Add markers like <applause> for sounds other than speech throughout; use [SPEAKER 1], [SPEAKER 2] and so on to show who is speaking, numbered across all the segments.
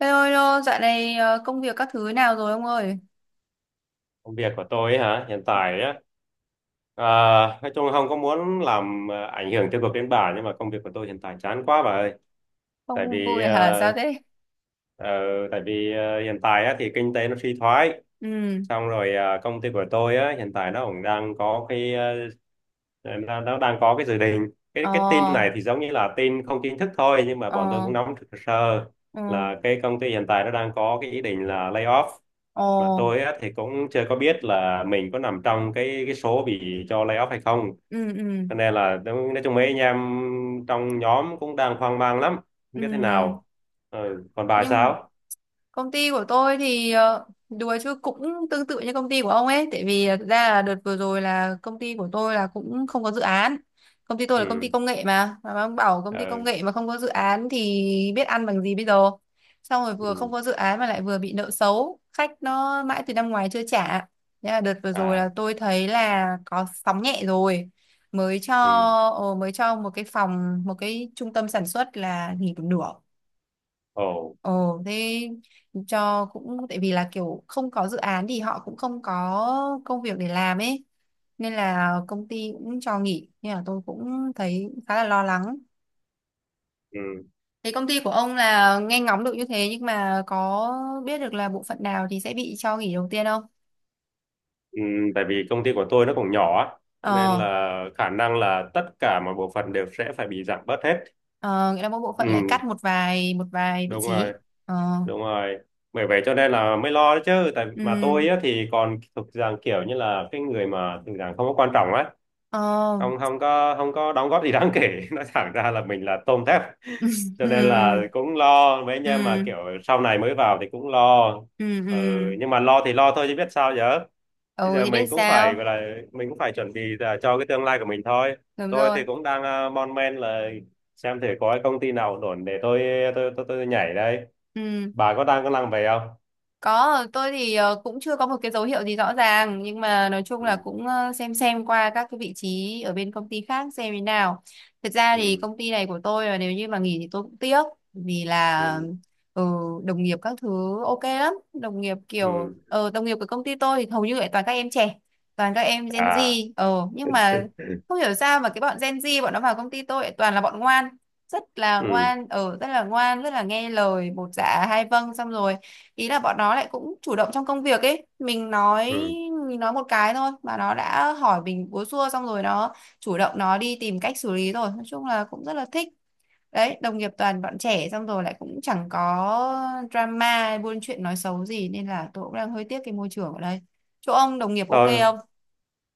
[SPEAKER 1] Hello, hello, dạo này công việc các thứ nào rồi ông ơi?
[SPEAKER 2] Công việc của tôi ấy hả? Hiện tại á, à, nói chung là không có muốn làm, ảnh hưởng tiêu cực đến bà, nhưng mà công việc của tôi hiện tại chán quá bà ơi. Tại
[SPEAKER 1] Không
[SPEAKER 2] vì
[SPEAKER 1] vui hả? Sao
[SPEAKER 2] à,
[SPEAKER 1] thế?
[SPEAKER 2] ờ, tại vì hiện tại á, thì kinh tế nó suy thoái,
[SPEAKER 1] Ừ,
[SPEAKER 2] xong rồi công ty của tôi á, hiện tại nó cũng đang có nó đang có cái dự định. Cái
[SPEAKER 1] ờ,
[SPEAKER 2] cái tin này thì giống như là tin không chính thức thôi, nhưng mà bọn tôi
[SPEAKER 1] ờ,
[SPEAKER 2] cũng nắm được sơ
[SPEAKER 1] ờ,
[SPEAKER 2] là cái công ty hiện tại nó đang có cái ý định là lay off,
[SPEAKER 1] ờ,
[SPEAKER 2] mà tôi á, thì cũng chưa có biết là mình có nằm trong cái số bị cho lay off hay không,
[SPEAKER 1] ừ, ừ, ừ,
[SPEAKER 2] cho nên là nói chung mấy anh em trong nhóm cũng đang hoang mang lắm, không
[SPEAKER 1] ừ.
[SPEAKER 2] biết thế nào. Ừ, còn bà
[SPEAKER 1] nhưng
[SPEAKER 2] sao?
[SPEAKER 1] Công ty của tôi thì đùa chứ cũng tương tự như công ty của ông ấy, tại vì thực ra là đợt vừa rồi là công ty của tôi là cũng không có dự án. Công ty tôi là công ty
[SPEAKER 2] Ừ.
[SPEAKER 1] công nghệ, mà ông bảo công ty công
[SPEAKER 2] Ừ.
[SPEAKER 1] nghệ mà không có dự án thì biết ăn bằng gì bây giờ? Xong rồi vừa không
[SPEAKER 2] Ừ.
[SPEAKER 1] có dự án mà lại vừa bị nợ xấu, khách nó mãi từ năm ngoái chưa trả. Thế là đợt vừa rồi
[SPEAKER 2] À,
[SPEAKER 1] là tôi thấy là có sóng nhẹ rồi, mới cho
[SPEAKER 2] ừ.
[SPEAKER 1] mới cho một cái phòng, một cái trung tâm sản xuất là nghỉ một nửa.
[SPEAKER 2] Ồ.
[SPEAKER 1] Ồ thế, cho cũng tại vì là kiểu không có dự án thì họ cũng không có công việc để làm ấy, nên là công ty cũng cho nghỉ, nên là tôi cũng thấy khá là lo lắng.
[SPEAKER 2] Ừ.
[SPEAKER 1] Thế công ty của ông là nghe ngóng được như thế, nhưng mà có biết được là bộ phận nào thì sẽ bị cho nghỉ đầu tiên không?
[SPEAKER 2] Ừ. Tại vì công ty của tôi nó còn nhỏ á, cho nên
[SPEAKER 1] Ờ,
[SPEAKER 2] là khả năng là tất cả mọi bộ phận đều sẽ phải bị giảm bớt hết.
[SPEAKER 1] ờ nghĩa là mỗi bộ
[SPEAKER 2] Ừ.
[SPEAKER 1] phận lại cắt một vài vị
[SPEAKER 2] Đúng
[SPEAKER 1] trí.
[SPEAKER 2] rồi,
[SPEAKER 1] Ờ,
[SPEAKER 2] đúng rồi, bởi vậy cho nên là mới lo đấy chứ, tại mà
[SPEAKER 1] ừ,
[SPEAKER 2] tôi á, thì còn thuộc dạng kiểu như là cái người mà thuộc dạng không có quan trọng á,
[SPEAKER 1] ờ,
[SPEAKER 2] không không có không có đóng góp gì đáng kể. <laughs> Nói thẳng ra là mình là tôm thép,
[SPEAKER 1] <laughs>
[SPEAKER 2] cho nên là
[SPEAKER 1] ừ,
[SPEAKER 2] cũng lo mấy anh em mà
[SPEAKER 1] ừ,
[SPEAKER 2] kiểu sau này mới vào thì cũng lo.
[SPEAKER 1] ừ,
[SPEAKER 2] Ừ,
[SPEAKER 1] ừ.
[SPEAKER 2] nhưng mà lo thì lo thôi chứ biết sao giờ, bây
[SPEAKER 1] Ừ
[SPEAKER 2] giờ
[SPEAKER 1] thì biết
[SPEAKER 2] mình cũng phải
[SPEAKER 1] sao?
[SPEAKER 2] gọi là mình cũng phải chuẩn bị là cho cái tương lai của mình thôi.
[SPEAKER 1] Đúng
[SPEAKER 2] Tôi
[SPEAKER 1] rồi.
[SPEAKER 2] thì cũng đang mon men là xem thử có cái công ty nào ổn để tôi, tôi nhảy đây.
[SPEAKER 1] Ừ.
[SPEAKER 2] Bà có đang có năng về không?
[SPEAKER 1] Có, tôi thì cũng chưa có một cái dấu hiệu gì rõ ràng, nhưng mà nói chung
[SPEAKER 2] Ừ.
[SPEAKER 1] là cũng xem qua các cái vị trí ở bên công ty khác xem thế nào. Thật ra thì
[SPEAKER 2] Ừ.
[SPEAKER 1] công ty này của tôi là nếu như mà nghỉ thì tôi cũng tiếc, vì là
[SPEAKER 2] Ừ.
[SPEAKER 1] ừ, đồng nghiệp các thứ ok lắm. Đồng nghiệp kiểu
[SPEAKER 2] Ừ.
[SPEAKER 1] đồng nghiệp của công ty tôi thì hầu như lại toàn các em trẻ, toàn các em Gen
[SPEAKER 2] À.
[SPEAKER 1] Z. Ờ nhưng mà không hiểu sao mà cái bọn Gen Z bọn nó vào công ty tôi lại toàn là bọn ngoan, rất là
[SPEAKER 2] Ừ.
[SPEAKER 1] ngoan ở rất là ngoan, rất là nghe lời, bột dạ hai vâng. Xong rồi ý là bọn nó lại cũng chủ động trong công việc ấy, mình nói
[SPEAKER 2] Ừ.
[SPEAKER 1] mình nói một cái thôi mà nó đã hỏi mình búa xua, xong rồi nó chủ động nó đi tìm cách xử lý, rồi nói chung là cũng rất là thích. Đấy, đồng nghiệp toàn bọn trẻ xong rồi lại cũng chẳng có drama hay buôn chuyện nói xấu gì, nên là tôi cũng đang hơi tiếc cái môi trường ở đây. Chỗ ông đồng nghiệp ok
[SPEAKER 2] Thôi,
[SPEAKER 1] không?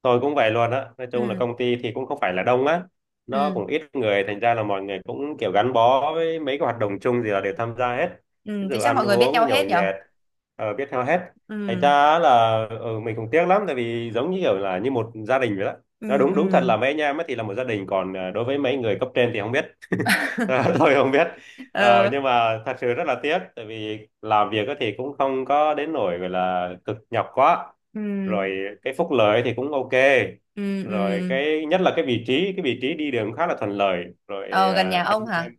[SPEAKER 2] tôi cũng vậy luôn á, nói chung là
[SPEAKER 1] Ừ,
[SPEAKER 2] công ty thì cũng không phải là đông á, nó
[SPEAKER 1] ừ,
[SPEAKER 2] cũng ít người, thành ra là mọi người cũng kiểu gắn bó với mấy cái hoạt động chung, gì là đều tham gia hết.
[SPEAKER 1] ừ
[SPEAKER 2] Ví
[SPEAKER 1] thế
[SPEAKER 2] dụ
[SPEAKER 1] chắc
[SPEAKER 2] ăn
[SPEAKER 1] mọi người biết nhau
[SPEAKER 2] uống nhậu
[SPEAKER 1] hết nhở?
[SPEAKER 2] nhẹt, biết theo hết, thành
[SPEAKER 1] Ừ,
[SPEAKER 2] ra là, ừ, mình cũng tiếc lắm, tại vì giống như kiểu là như một gia đình vậy đó.
[SPEAKER 1] ừ,
[SPEAKER 2] Nó đúng, đúng thật,
[SPEAKER 1] ừ.
[SPEAKER 2] là mấy anh em ấy thì là một gia đình, còn đối với mấy người cấp trên thì không biết. <laughs>
[SPEAKER 1] <laughs>
[SPEAKER 2] Ờ, tôi không biết. Ờ,
[SPEAKER 1] Ờ,
[SPEAKER 2] nhưng mà thật sự rất là tiếc, tại vì làm việc á thì cũng không có đến nỗi gọi là cực nhọc quá,
[SPEAKER 1] ừ,
[SPEAKER 2] rồi cái phúc lợi thì cũng ok,
[SPEAKER 1] ừ, ừ.
[SPEAKER 2] rồi cái nhất là cái vị trí đi đường khá là thuận lợi, rồi
[SPEAKER 1] Ờ gần nhà
[SPEAKER 2] anh
[SPEAKER 1] ông hả?
[SPEAKER 2] em,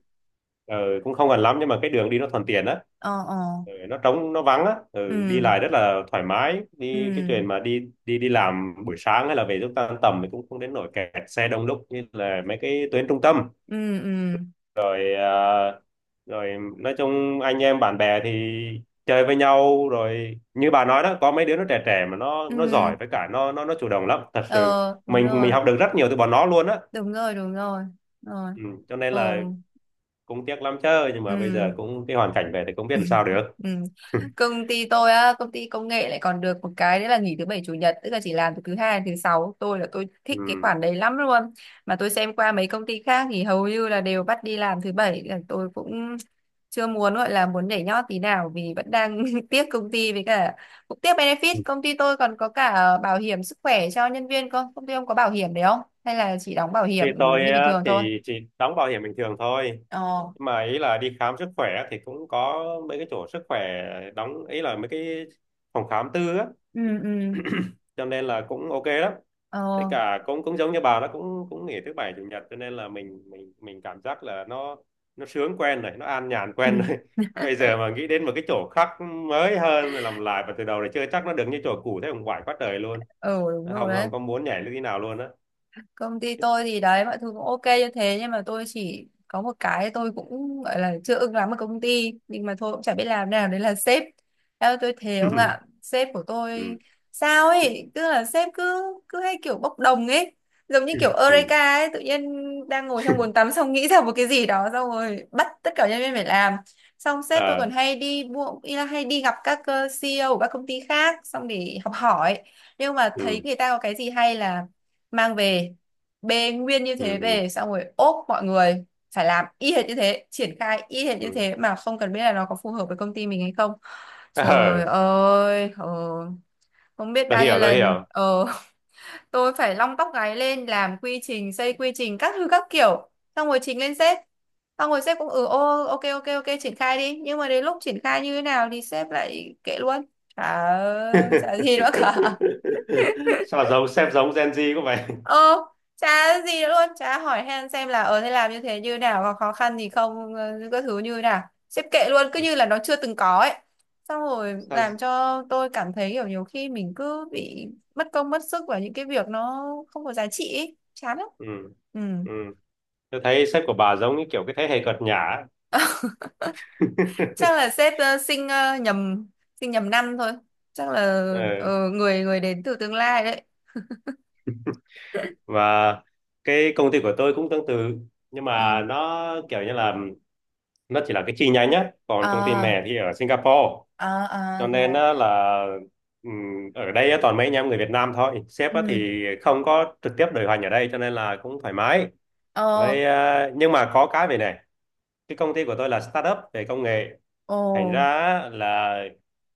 [SPEAKER 2] ờ, cũng không gần lắm nhưng mà cái đường đi nó thuận tiện á.
[SPEAKER 1] Ờ, ờ.
[SPEAKER 2] Ừ, nó trống nó vắng á, ừ, đi
[SPEAKER 1] Ừ,
[SPEAKER 2] lại rất là thoải mái, đi cái chuyện
[SPEAKER 1] ừ,
[SPEAKER 2] mà đi đi đi làm buổi sáng hay là về lúc tan tầm thì cũng không đến nỗi kẹt xe đông đúc như là mấy cái tuyến trung tâm,
[SPEAKER 1] ừ, ừ,
[SPEAKER 2] rồi à, rồi nói chung anh em bạn bè thì chơi với nhau, rồi như bà nói đó, có mấy đứa nó trẻ trẻ mà nó
[SPEAKER 1] ừ.
[SPEAKER 2] giỏi, với cả nó chủ động lắm thật sự,
[SPEAKER 1] Ờ đúng
[SPEAKER 2] mình
[SPEAKER 1] rồi,
[SPEAKER 2] học được rất nhiều từ bọn nó luôn á.
[SPEAKER 1] đúng rồi. Đúng rồi. Rồi.
[SPEAKER 2] Ừ, cho nên
[SPEAKER 1] Ừ,
[SPEAKER 2] là cũng tiếc lắm chứ, nhưng mà bây
[SPEAKER 1] ừ.
[SPEAKER 2] giờ cũng cái hoàn cảnh về thì cũng biết làm sao được.
[SPEAKER 1] Ừ. Công ty tôi á, công ty công nghệ lại còn được một cái đấy là nghỉ thứ bảy chủ nhật, tức là chỉ làm từ thứ hai đến thứ sáu. Tôi là tôi
[SPEAKER 2] Ừ.
[SPEAKER 1] thích cái khoản đấy lắm luôn. Mà tôi xem qua mấy công ty khác thì hầu như là đều bắt đi làm thứ bảy, là tôi cũng chưa muốn gọi là muốn nhảy nhót tí nào vì vẫn đang <laughs> tiếc công ty, với cả cũng tiếc benefit. Công ty tôi còn có cả bảo hiểm sức khỏe cho nhân viên không? Công ty ông có bảo hiểm đấy không? Hay là chỉ đóng bảo
[SPEAKER 2] Thì
[SPEAKER 1] hiểm
[SPEAKER 2] tôi
[SPEAKER 1] như bình
[SPEAKER 2] á,
[SPEAKER 1] thường thôi?
[SPEAKER 2] thì chỉ đóng bảo hiểm bình thường thôi.
[SPEAKER 1] Ờ.
[SPEAKER 2] Nhưng mà ý là đi khám sức khỏe thì cũng có mấy cái chỗ sức khỏe đóng, ý là mấy cái phòng khám tư á,
[SPEAKER 1] Ừ ừ.
[SPEAKER 2] cho nên là cũng ok lắm, với
[SPEAKER 1] Ờ.
[SPEAKER 2] cả cũng cũng giống như bà, nó cũng cũng nghỉ thứ bảy chủ nhật, cho nên là mình cảm giác là nó sướng quen rồi, nó an nhàn
[SPEAKER 1] Ừ.
[SPEAKER 2] quen rồi. <laughs> Bây giờ mà nghĩ đến một cái chỗ khác mới hơn rồi làm lại và từ đầu để chơi, chắc nó được như chỗ cũ thế cũng quải quá trời luôn,
[SPEAKER 1] Ờ, đúng rồi,
[SPEAKER 2] không không có muốn nhảy như thế nào luôn á.
[SPEAKER 1] công ty tôi
[SPEAKER 2] <laughs>
[SPEAKER 1] thì đấy mọi thứ cũng ok như thế, nhưng mà tôi chỉ có một cái tôi cũng gọi là chưa ưng lắm ở công ty, nhưng mà thôi cũng chả biết làm nào, đấy là sếp. Theo tôi thề ông ạ, sếp của
[SPEAKER 2] Ừ.
[SPEAKER 1] tôi
[SPEAKER 2] Ừ.
[SPEAKER 1] sao ấy, tức là sếp cứ cứ hay kiểu bốc đồng ấy, giống như kiểu
[SPEAKER 2] Ừ.
[SPEAKER 1] Eureka ấy, tự nhiên đang ngồi trong bồn tắm xong nghĩ ra một cái gì đó, xong rồi bắt tất cả nhân viên phải làm. Xong sếp tôi còn
[SPEAKER 2] Ờ.
[SPEAKER 1] hay đi mua, ý là hay đi gặp các CEO của các công ty khác xong để học hỏi, nhưng mà thấy
[SPEAKER 2] Ừ.
[SPEAKER 1] người ta có cái gì hay là mang về, bê nguyên như
[SPEAKER 2] Ừ.
[SPEAKER 1] thế
[SPEAKER 2] Ừ.
[SPEAKER 1] về xong rồi ốp mọi người phải làm y hệt như thế, triển khai y hệt như
[SPEAKER 2] Ừ.
[SPEAKER 1] thế mà không cần biết là nó có phù hợp với công ty mình hay không.
[SPEAKER 2] Ờ,
[SPEAKER 1] Trời ơi, không biết
[SPEAKER 2] tôi
[SPEAKER 1] bao nhiêu
[SPEAKER 2] hiểu, tôi
[SPEAKER 1] lần
[SPEAKER 2] hiểu.
[SPEAKER 1] <laughs> tôi phải long tóc gáy lên làm quy trình, xây quy trình các thứ các kiểu, xong rồi trình lên sếp, xong rồi sếp cũng ừ ô ok ok ok triển khai đi, nhưng mà đến lúc triển khai như thế nào thì sếp lại kệ luôn. chả
[SPEAKER 2] <laughs>
[SPEAKER 1] chả gì nữa cả.
[SPEAKER 2] Sao giống sếp, giống Gen Z có vậy.
[SPEAKER 1] Ờ, chả gì nữa luôn, chả hỏi han xem là ờ thế làm như thế như nào, có khó khăn gì không, các thứ như nào. Xếp kệ luôn, cứ như là
[SPEAKER 2] <laughs>
[SPEAKER 1] nó chưa từng có ấy. Xong rồi
[SPEAKER 2] Sao?
[SPEAKER 1] làm cho tôi cảm thấy kiểu nhiều khi mình cứ bị mất công mất sức vào những cái việc nó không có giá trị ấy. Chán lắm.
[SPEAKER 2] Ừ.
[SPEAKER 1] Ừ.
[SPEAKER 2] Ừ. Tôi thấy sếp của bà giống như kiểu cái thế hệ cợt nhả ấy.
[SPEAKER 1] Chắc là
[SPEAKER 2] <laughs>
[SPEAKER 1] sếp sinh nhầm năm thôi. Chắc là
[SPEAKER 2] Ờ.
[SPEAKER 1] người người đến từ tương lai đấy.
[SPEAKER 2] Và cái công ty của tôi cũng tương tự. Nhưng mà
[SPEAKER 1] Ừ.
[SPEAKER 2] nó kiểu như là nó chỉ là cái chi nhánh nhá. Còn công ty
[SPEAKER 1] À,
[SPEAKER 2] mẹ thì ở Singapore.
[SPEAKER 1] à, à
[SPEAKER 2] Cho nên
[SPEAKER 1] rồi.
[SPEAKER 2] á là, ở đây á, toàn mấy anh em người Việt Nam thôi. Sếp á
[SPEAKER 1] Ừ.
[SPEAKER 2] thì không có trực tiếp điều hành ở đây, cho nên là cũng thoải mái.
[SPEAKER 1] Ờ,
[SPEAKER 2] Với nhưng mà có cái về này. Cái công ty của tôi là startup về công nghệ,
[SPEAKER 1] ồ.
[SPEAKER 2] thành ra á, là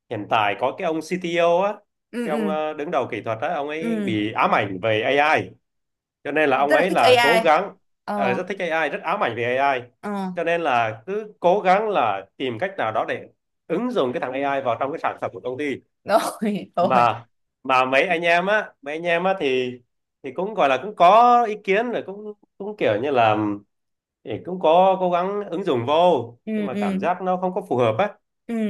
[SPEAKER 2] hiện tại có cái ông CTO á,
[SPEAKER 1] Ừ,
[SPEAKER 2] cái ông
[SPEAKER 1] ừ,
[SPEAKER 2] đứng đầu kỹ thuật á, ông ấy
[SPEAKER 1] ừ.
[SPEAKER 2] bị ám ảnh về AI, cho nên là ông
[SPEAKER 1] Rất là
[SPEAKER 2] ấy
[SPEAKER 1] thích
[SPEAKER 2] là cố
[SPEAKER 1] AI.
[SPEAKER 2] gắng,
[SPEAKER 1] Ờ
[SPEAKER 2] rất thích AI, rất ám ảnh về AI,
[SPEAKER 1] ờ
[SPEAKER 2] cho nên là cứ cố gắng là tìm cách nào đó để ứng dụng cái thằng AI vào trong cái sản phẩm của công ty.
[SPEAKER 1] rồi. <laughs> Rồi.
[SPEAKER 2] Mà mà mấy anh em á thì cũng gọi là cũng có ý kiến, rồi cũng cũng kiểu như là thì cũng có cố gắng ứng dụng vô, nhưng
[SPEAKER 1] Ừ
[SPEAKER 2] mà cảm
[SPEAKER 1] ừ
[SPEAKER 2] giác nó không có phù hợp á,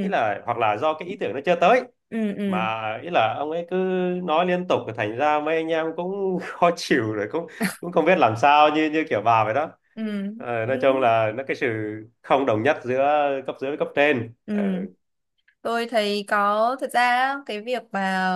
[SPEAKER 2] ý là hoặc là do cái ý tưởng nó chưa tới,
[SPEAKER 1] ừ ừ
[SPEAKER 2] mà ý là ông ấy cứ nói liên tục, thành ra mấy anh em cũng <laughs> khó chịu, rồi cũng cũng không biết làm sao, như như kiểu bà vậy đó.
[SPEAKER 1] ừ
[SPEAKER 2] Ờ,
[SPEAKER 1] ừ
[SPEAKER 2] nói chung là nó cái sự không đồng nhất giữa cấp dưới với cấp trên. Ờ,
[SPEAKER 1] ừ. Tôi thấy có thật ra á, cái việc mà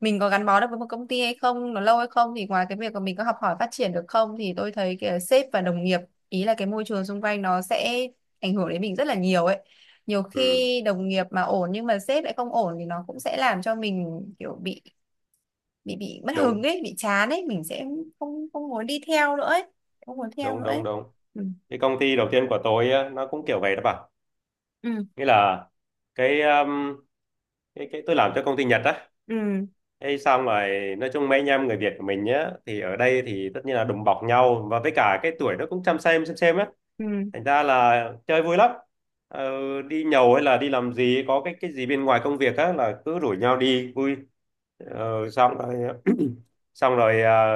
[SPEAKER 1] mình có gắn bó được với một công ty hay không, nó lâu hay không, thì ngoài cái việc mà mình có học hỏi phát triển được không, thì tôi thấy cái sếp và đồng nghiệp, ý là cái môi trường xung quanh, nó sẽ ảnh hưởng đến mình rất là nhiều ấy. Nhiều
[SPEAKER 2] ừ,
[SPEAKER 1] khi đồng nghiệp mà ổn nhưng mà sếp lại không ổn thì nó cũng sẽ làm cho mình kiểu bị bị mất hứng
[SPEAKER 2] đúng,
[SPEAKER 1] ấy, bị chán ấy, mình sẽ không không muốn đi theo nữa ấy, không muốn theo
[SPEAKER 2] đúng,
[SPEAKER 1] nữa
[SPEAKER 2] đúng,
[SPEAKER 1] ấy.
[SPEAKER 2] đúng.
[SPEAKER 1] Ừ
[SPEAKER 2] Cái công ty đầu tiên của tôi á, nó cũng kiểu vậy đó bà,
[SPEAKER 1] ừ
[SPEAKER 2] nghĩa là cái um, cái tôi làm cho công ty Nhật á.
[SPEAKER 1] ừ
[SPEAKER 2] Ê, xong rồi nói chung mấy anh em người Việt của mình nhá, thì ở đây thì tất nhiên là đùm bọc nhau, và với cả cái tuổi nó cũng chăm xem á,
[SPEAKER 1] ừ.
[SPEAKER 2] thành ra là chơi vui lắm, ờ, đi nhậu hay là đi làm gì có cái gì bên ngoài công việc á là cứ rủ nhau đi vui. Xong rồi <clears throat> xong rồi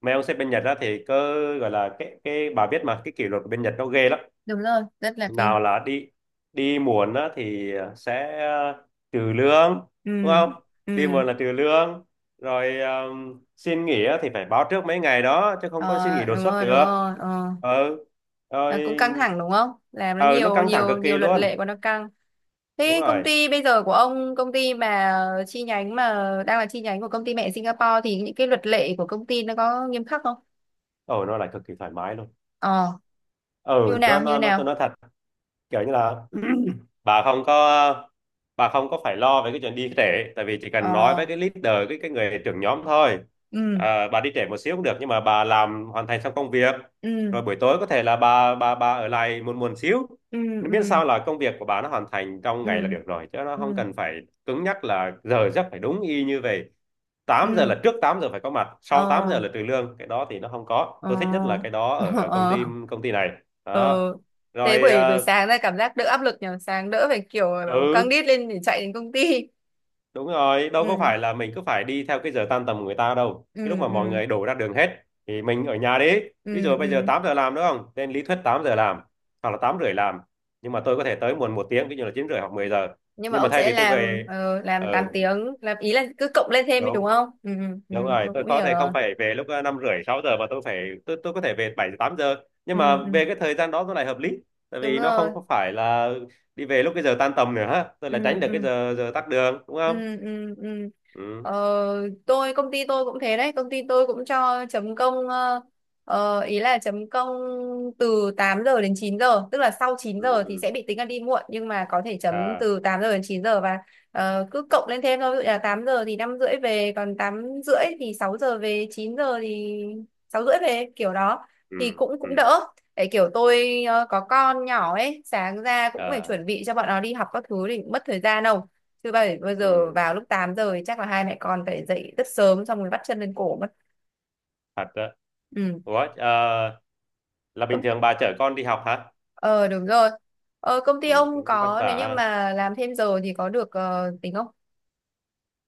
[SPEAKER 2] mấy ông sếp bên Nhật á thì cứ gọi là cái bà biết mà, cái kỷ luật của bên Nhật nó ghê lắm,
[SPEAKER 1] Đúng rồi, rất là kinh.
[SPEAKER 2] nào là đi đi muộn á, thì sẽ trừ lương,
[SPEAKER 1] Ừ
[SPEAKER 2] đúng không? Đi
[SPEAKER 1] ừ
[SPEAKER 2] muộn là trừ lương, rồi xin nghỉ á thì phải báo trước mấy ngày đó, chứ không có xin
[SPEAKER 1] ờ,
[SPEAKER 2] nghỉ đột xuất
[SPEAKER 1] đúng
[SPEAKER 2] được.
[SPEAKER 1] rồi ờ.
[SPEAKER 2] Ừ.
[SPEAKER 1] Là
[SPEAKER 2] Rồi.
[SPEAKER 1] cũng căng thẳng đúng không, làm nó
[SPEAKER 2] Ừ, nó
[SPEAKER 1] nhiều
[SPEAKER 2] căng thẳng
[SPEAKER 1] nhiều
[SPEAKER 2] cực
[SPEAKER 1] nhiều
[SPEAKER 2] kỳ
[SPEAKER 1] luật
[SPEAKER 2] luôn.
[SPEAKER 1] lệ của nó căng.
[SPEAKER 2] Đúng
[SPEAKER 1] Thế công
[SPEAKER 2] rồi.
[SPEAKER 1] ty bây giờ của ông, công ty mà chi nhánh, mà đang là chi nhánh của công ty mẹ Singapore, thì những cái luật lệ của công ty nó có nghiêm khắc không?
[SPEAKER 2] Ừ, nó lại cực kỳ thoải mái luôn.
[SPEAKER 1] Ờ
[SPEAKER 2] Ừ,
[SPEAKER 1] như
[SPEAKER 2] nó
[SPEAKER 1] nào như
[SPEAKER 2] nó nó tôi
[SPEAKER 1] nào?
[SPEAKER 2] nói thật, kiểu như là <clears throat> bà không có bà không có phải lo về cái chuyện đi trễ, tại vì chỉ cần nói
[SPEAKER 1] Ờ
[SPEAKER 2] với cái leader, cái người trưởng nhóm thôi.
[SPEAKER 1] ừ
[SPEAKER 2] À, bà đi trễ một xíu cũng được nhưng mà bà làm hoàn thành xong công việc,
[SPEAKER 1] ừ
[SPEAKER 2] rồi buổi tối có thể là bà ở lại muộn muộn xíu,
[SPEAKER 1] ừ
[SPEAKER 2] nó
[SPEAKER 1] ừ
[SPEAKER 2] miễn sao là công việc của bà nó hoàn thành trong
[SPEAKER 1] ừ
[SPEAKER 2] ngày là được rồi, chứ nó
[SPEAKER 1] ừ
[SPEAKER 2] không cần phải cứng nhắc là giờ giấc phải đúng y như vậy. Tám giờ
[SPEAKER 1] ừ.
[SPEAKER 2] là trước 8 giờ phải có mặt, sau 8
[SPEAKER 1] Ờ
[SPEAKER 2] giờ là trừ lương, cái đó thì nó không có.
[SPEAKER 1] ờ.
[SPEAKER 2] Tôi thích nhất là cái
[SPEAKER 1] <laughs>
[SPEAKER 2] đó
[SPEAKER 1] Ờ
[SPEAKER 2] ở, công
[SPEAKER 1] ờ.
[SPEAKER 2] ty công ty này
[SPEAKER 1] Ờ.
[SPEAKER 2] đó,
[SPEAKER 1] Thế
[SPEAKER 2] rồi.
[SPEAKER 1] buổi buổi
[SPEAKER 2] Ờ,
[SPEAKER 1] sáng ra cảm giác đỡ áp lực nhỉ, sáng đỡ phải kiểu căng
[SPEAKER 2] ừ.
[SPEAKER 1] đít lên để chạy đến công ty.
[SPEAKER 2] Đúng rồi, đâu có
[SPEAKER 1] Ừ
[SPEAKER 2] phải là mình cứ phải đi theo cái giờ tan tầm của người ta đâu. Cái lúc
[SPEAKER 1] ừ
[SPEAKER 2] mà mọi
[SPEAKER 1] ừ
[SPEAKER 2] người đổ ra đường hết thì mình ở nhà đi. Ví
[SPEAKER 1] ừ
[SPEAKER 2] dụ bây giờ
[SPEAKER 1] ừ.
[SPEAKER 2] 8 giờ làm, đúng không? Trên lý thuyết 8 giờ làm hoặc là 8 rưỡi làm. Nhưng mà tôi có thể tới muộn một tiếng, ví dụ là 9 rưỡi hoặc 10 giờ.
[SPEAKER 1] Nhưng mà
[SPEAKER 2] Nhưng mà
[SPEAKER 1] ông
[SPEAKER 2] thay
[SPEAKER 1] sẽ
[SPEAKER 2] vì tôi
[SPEAKER 1] làm
[SPEAKER 2] về,
[SPEAKER 1] làm 8
[SPEAKER 2] ừ,
[SPEAKER 1] tiếng, làm ý là cứ cộng lên thêm đi đúng
[SPEAKER 2] đúng,
[SPEAKER 1] không? Ừ ừ ừ,
[SPEAKER 2] đúng rồi,
[SPEAKER 1] tôi
[SPEAKER 2] tôi
[SPEAKER 1] cũng
[SPEAKER 2] có
[SPEAKER 1] hiểu
[SPEAKER 2] thể không
[SPEAKER 1] rồi.
[SPEAKER 2] phải về lúc 5 rưỡi 6 giờ, mà tôi phải tôi có thể về 7 giờ 8 giờ. Nhưng
[SPEAKER 1] Ừ
[SPEAKER 2] mà
[SPEAKER 1] ừ
[SPEAKER 2] về cái thời gian đó nó lại hợp lý. Tại
[SPEAKER 1] đúng
[SPEAKER 2] vì nó không
[SPEAKER 1] rồi.
[SPEAKER 2] có phải là đi về lúc cái giờ tan tầm nữa ha. Tôi lại
[SPEAKER 1] Ừ
[SPEAKER 2] tránh được cái
[SPEAKER 1] ừ
[SPEAKER 2] giờ giờ tắc đường, đúng
[SPEAKER 1] ừ
[SPEAKER 2] không?
[SPEAKER 1] ừ ừ.
[SPEAKER 2] Ừ.
[SPEAKER 1] Ờ, tôi công ty tôi cũng thế đấy, công ty tôi cũng cho chấm công ý là chấm công từ 8 giờ đến 9 giờ, tức là sau chín
[SPEAKER 2] Ừ.
[SPEAKER 1] giờ thì
[SPEAKER 2] Ừ.
[SPEAKER 1] sẽ bị tính là đi muộn, nhưng mà có thể chấm
[SPEAKER 2] À.
[SPEAKER 1] từ 8 giờ đến 9 giờ và cứ cộng lên thêm thôi, ví dụ là 8 giờ thì 5 rưỡi về, còn 8 rưỡi thì 6 giờ về, 9 giờ thì 6 rưỡi về, kiểu đó
[SPEAKER 2] Ừ.
[SPEAKER 1] thì cũng
[SPEAKER 2] Ừ.
[SPEAKER 1] cũng đỡ. Để kiểu tôi có con nhỏ ấy, sáng ra cũng phải
[SPEAKER 2] ờ,
[SPEAKER 1] chuẩn bị cho bọn nó đi học các thứ thì cũng mất thời gian đâu, chứ bảy bây giờ
[SPEAKER 2] ừ,
[SPEAKER 1] vào lúc 8 giờ thì chắc là hai mẹ con phải dậy rất sớm xong rồi bắt chân lên cổ mất.
[SPEAKER 2] thật đó.
[SPEAKER 1] Ừ.
[SPEAKER 2] Ủa, là bình
[SPEAKER 1] Công-
[SPEAKER 2] thường bà chở con đi học hả?
[SPEAKER 1] ờ đúng rồi. Ờ công ty
[SPEAKER 2] Ừ,
[SPEAKER 1] ông
[SPEAKER 2] cũng vất
[SPEAKER 1] có,
[SPEAKER 2] vả
[SPEAKER 1] nếu như
[SPEAKER 2] ha.
[SPEAKER 1] mà làm thêm giờ thì có được tính không?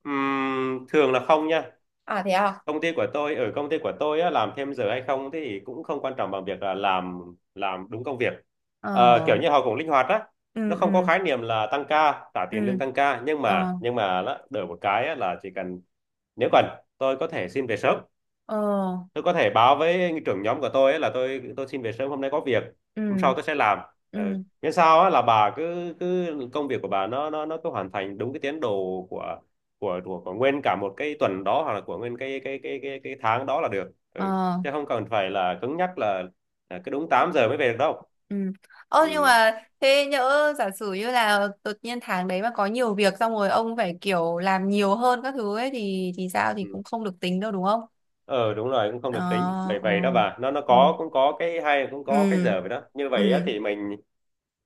[SPEAKER 2] Thường là không nha,
[SPEAKER 1] À thế à?
[SPEAKER 2] công ty của tôi, ở công ty của tôi á, làm thêm giờ hay không thì cũng không quan trọng bằng việc là làm đúng công việc. Ờ,
[SPEAKER 1] Ờ.
[SPEAKER 2] kiểu như họ cũng linh hoạt á,
[SPEAKER 1] Ừ
[SPEAKER 2] nó không có
[SPEAKER 1] ừ
[SPEAKER 2] khái niệm là tăng ca trả tiền lương
[SPEAKER 1] ừ.
[SPEAKER 2] tăng ca, nhưng
[SPEAKER 1] Ờ.
[SPEAKER 2] mà đó, đổi một cái á, là chỉ cần, nếu cần tôi có thể xin về sớm,
[SPEAKER 1] Ờ.
[SPEAKER 2] tôi có thể báo với trưởng nhóm của tôi ấy là tôi xin về sớm hôm nay có việc, hôm sau
[SPEAKER 1] Ừ
[SPEAKER 2] tôi sẽ làm. Ừ.
[SPEAKER 1] ừ.
[SPEAKER 2] Miễn sao á là bà cứ, cứ công việc của bà nó cứ hoàn thành đúng cái tiến độ của của nguyên cả một cái tuần đó, hoặc là của nguyên cái tháng đó là được. Ừ.
[SPEAKER 1] Ờ.
[SPEAKER 2] Chứ không cần phải là cứng nhắc là cứ đúng 8 giờ mới về được đâu.
[SPEAKER 1] Ừ. Ờ
[SPEAKER 2] Ừ.
[SPEAKER 1] nhưng mà thế nhỡ giả sử như là đột nhiên tháng đấy mà có nhiều việc xong rồi ông phải kiểu làm nhiều hơn các thứ ấy thì sao, thì
[SPEAKER 2] Ừ.
[SPEAKER 1] cũng không được tính đâu đúng không?
[SPEAKER 2] Ờ, đúng rồi, cũng không
[SPEAKER 1] Ờ
[SPEAKER 2] được tính vậy,
[SPEAKER 1] ờ
[SPEAKER 2] vậy đó bà, nó
[SPEAKER 1] ừ.
[SPEAKER 2] có cũng có cái hay, cũng có cái
[SPEAKER 1] Ừ
[SPEAKER 2] giờ vậy đó, như vậy á,
[SPEAKER 1] ừ
[SPEAKER 2] thì mình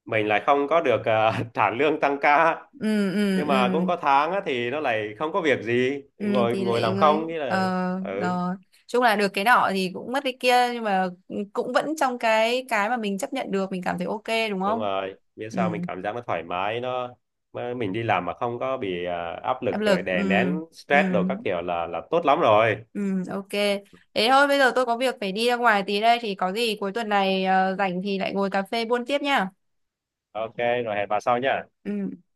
[SPEAKER 2] mình lại không có được, <laughs> trả lương tăng ca,
[SPEAKER 1] ừ ừ
[SPEAKER 2] nhưng
[SPEAKER 1] ừ.
[SPEAKER 2] mà cũng có tháng á, thì nó lại không có việc gì thì
[SPEAKER 1] Ừ
[SPEAKER 2] ngồi
[SPEAKER 1] thì
[SPEAKER 2] ngồi
[SPEAKER 1] lại
[SPEAKER 2] làm không,
[SPEAKER 1] ơi
[SPEAKER 2] nghĩa là,
[SPEAKER 1] ờ
[SPEAKER 2] ừ,
[SPEAKER 1] rồi chung là được cái nọ thì cũng mất cái kia, nhưng mà cũng vẫn trong cái mà mình chấp nhận được, mình cảm thấy ok đúng
[SPEAKER 2] đúng
[SPEAKER 1] không?
[SPEAKER 2] rồi biết
[SPEAKER 1] Ừ
[SPEAKER 2] sao, mình cảm giác nó thoải mái, nó, mà mình đi làm mà không có bị, áp
[SPEAKER 1] áp
[SPEAKER 2] lực
[SPEAKER 1] lực
[SPEAKER 2] rồi
[SPEAKER 1] ừ
[SPEAKER 2] đè nén
[SPEAKER 1] ừ
[SPEAKER 2] stress đồ các kiểu là tốt lắm rồi.
[SPEAKER 1] ừ ok. Thế thôi bây giờ tôi có việc phải đi ra ngoài tí đây, thì có gì cuối tuần này rảnh thì lại ngồi cà phê buôn tiếp nha.
[SPEAKER 2] Ok, rồi hẹn bà sau nhá.
[SPEAKER 1] Ừ.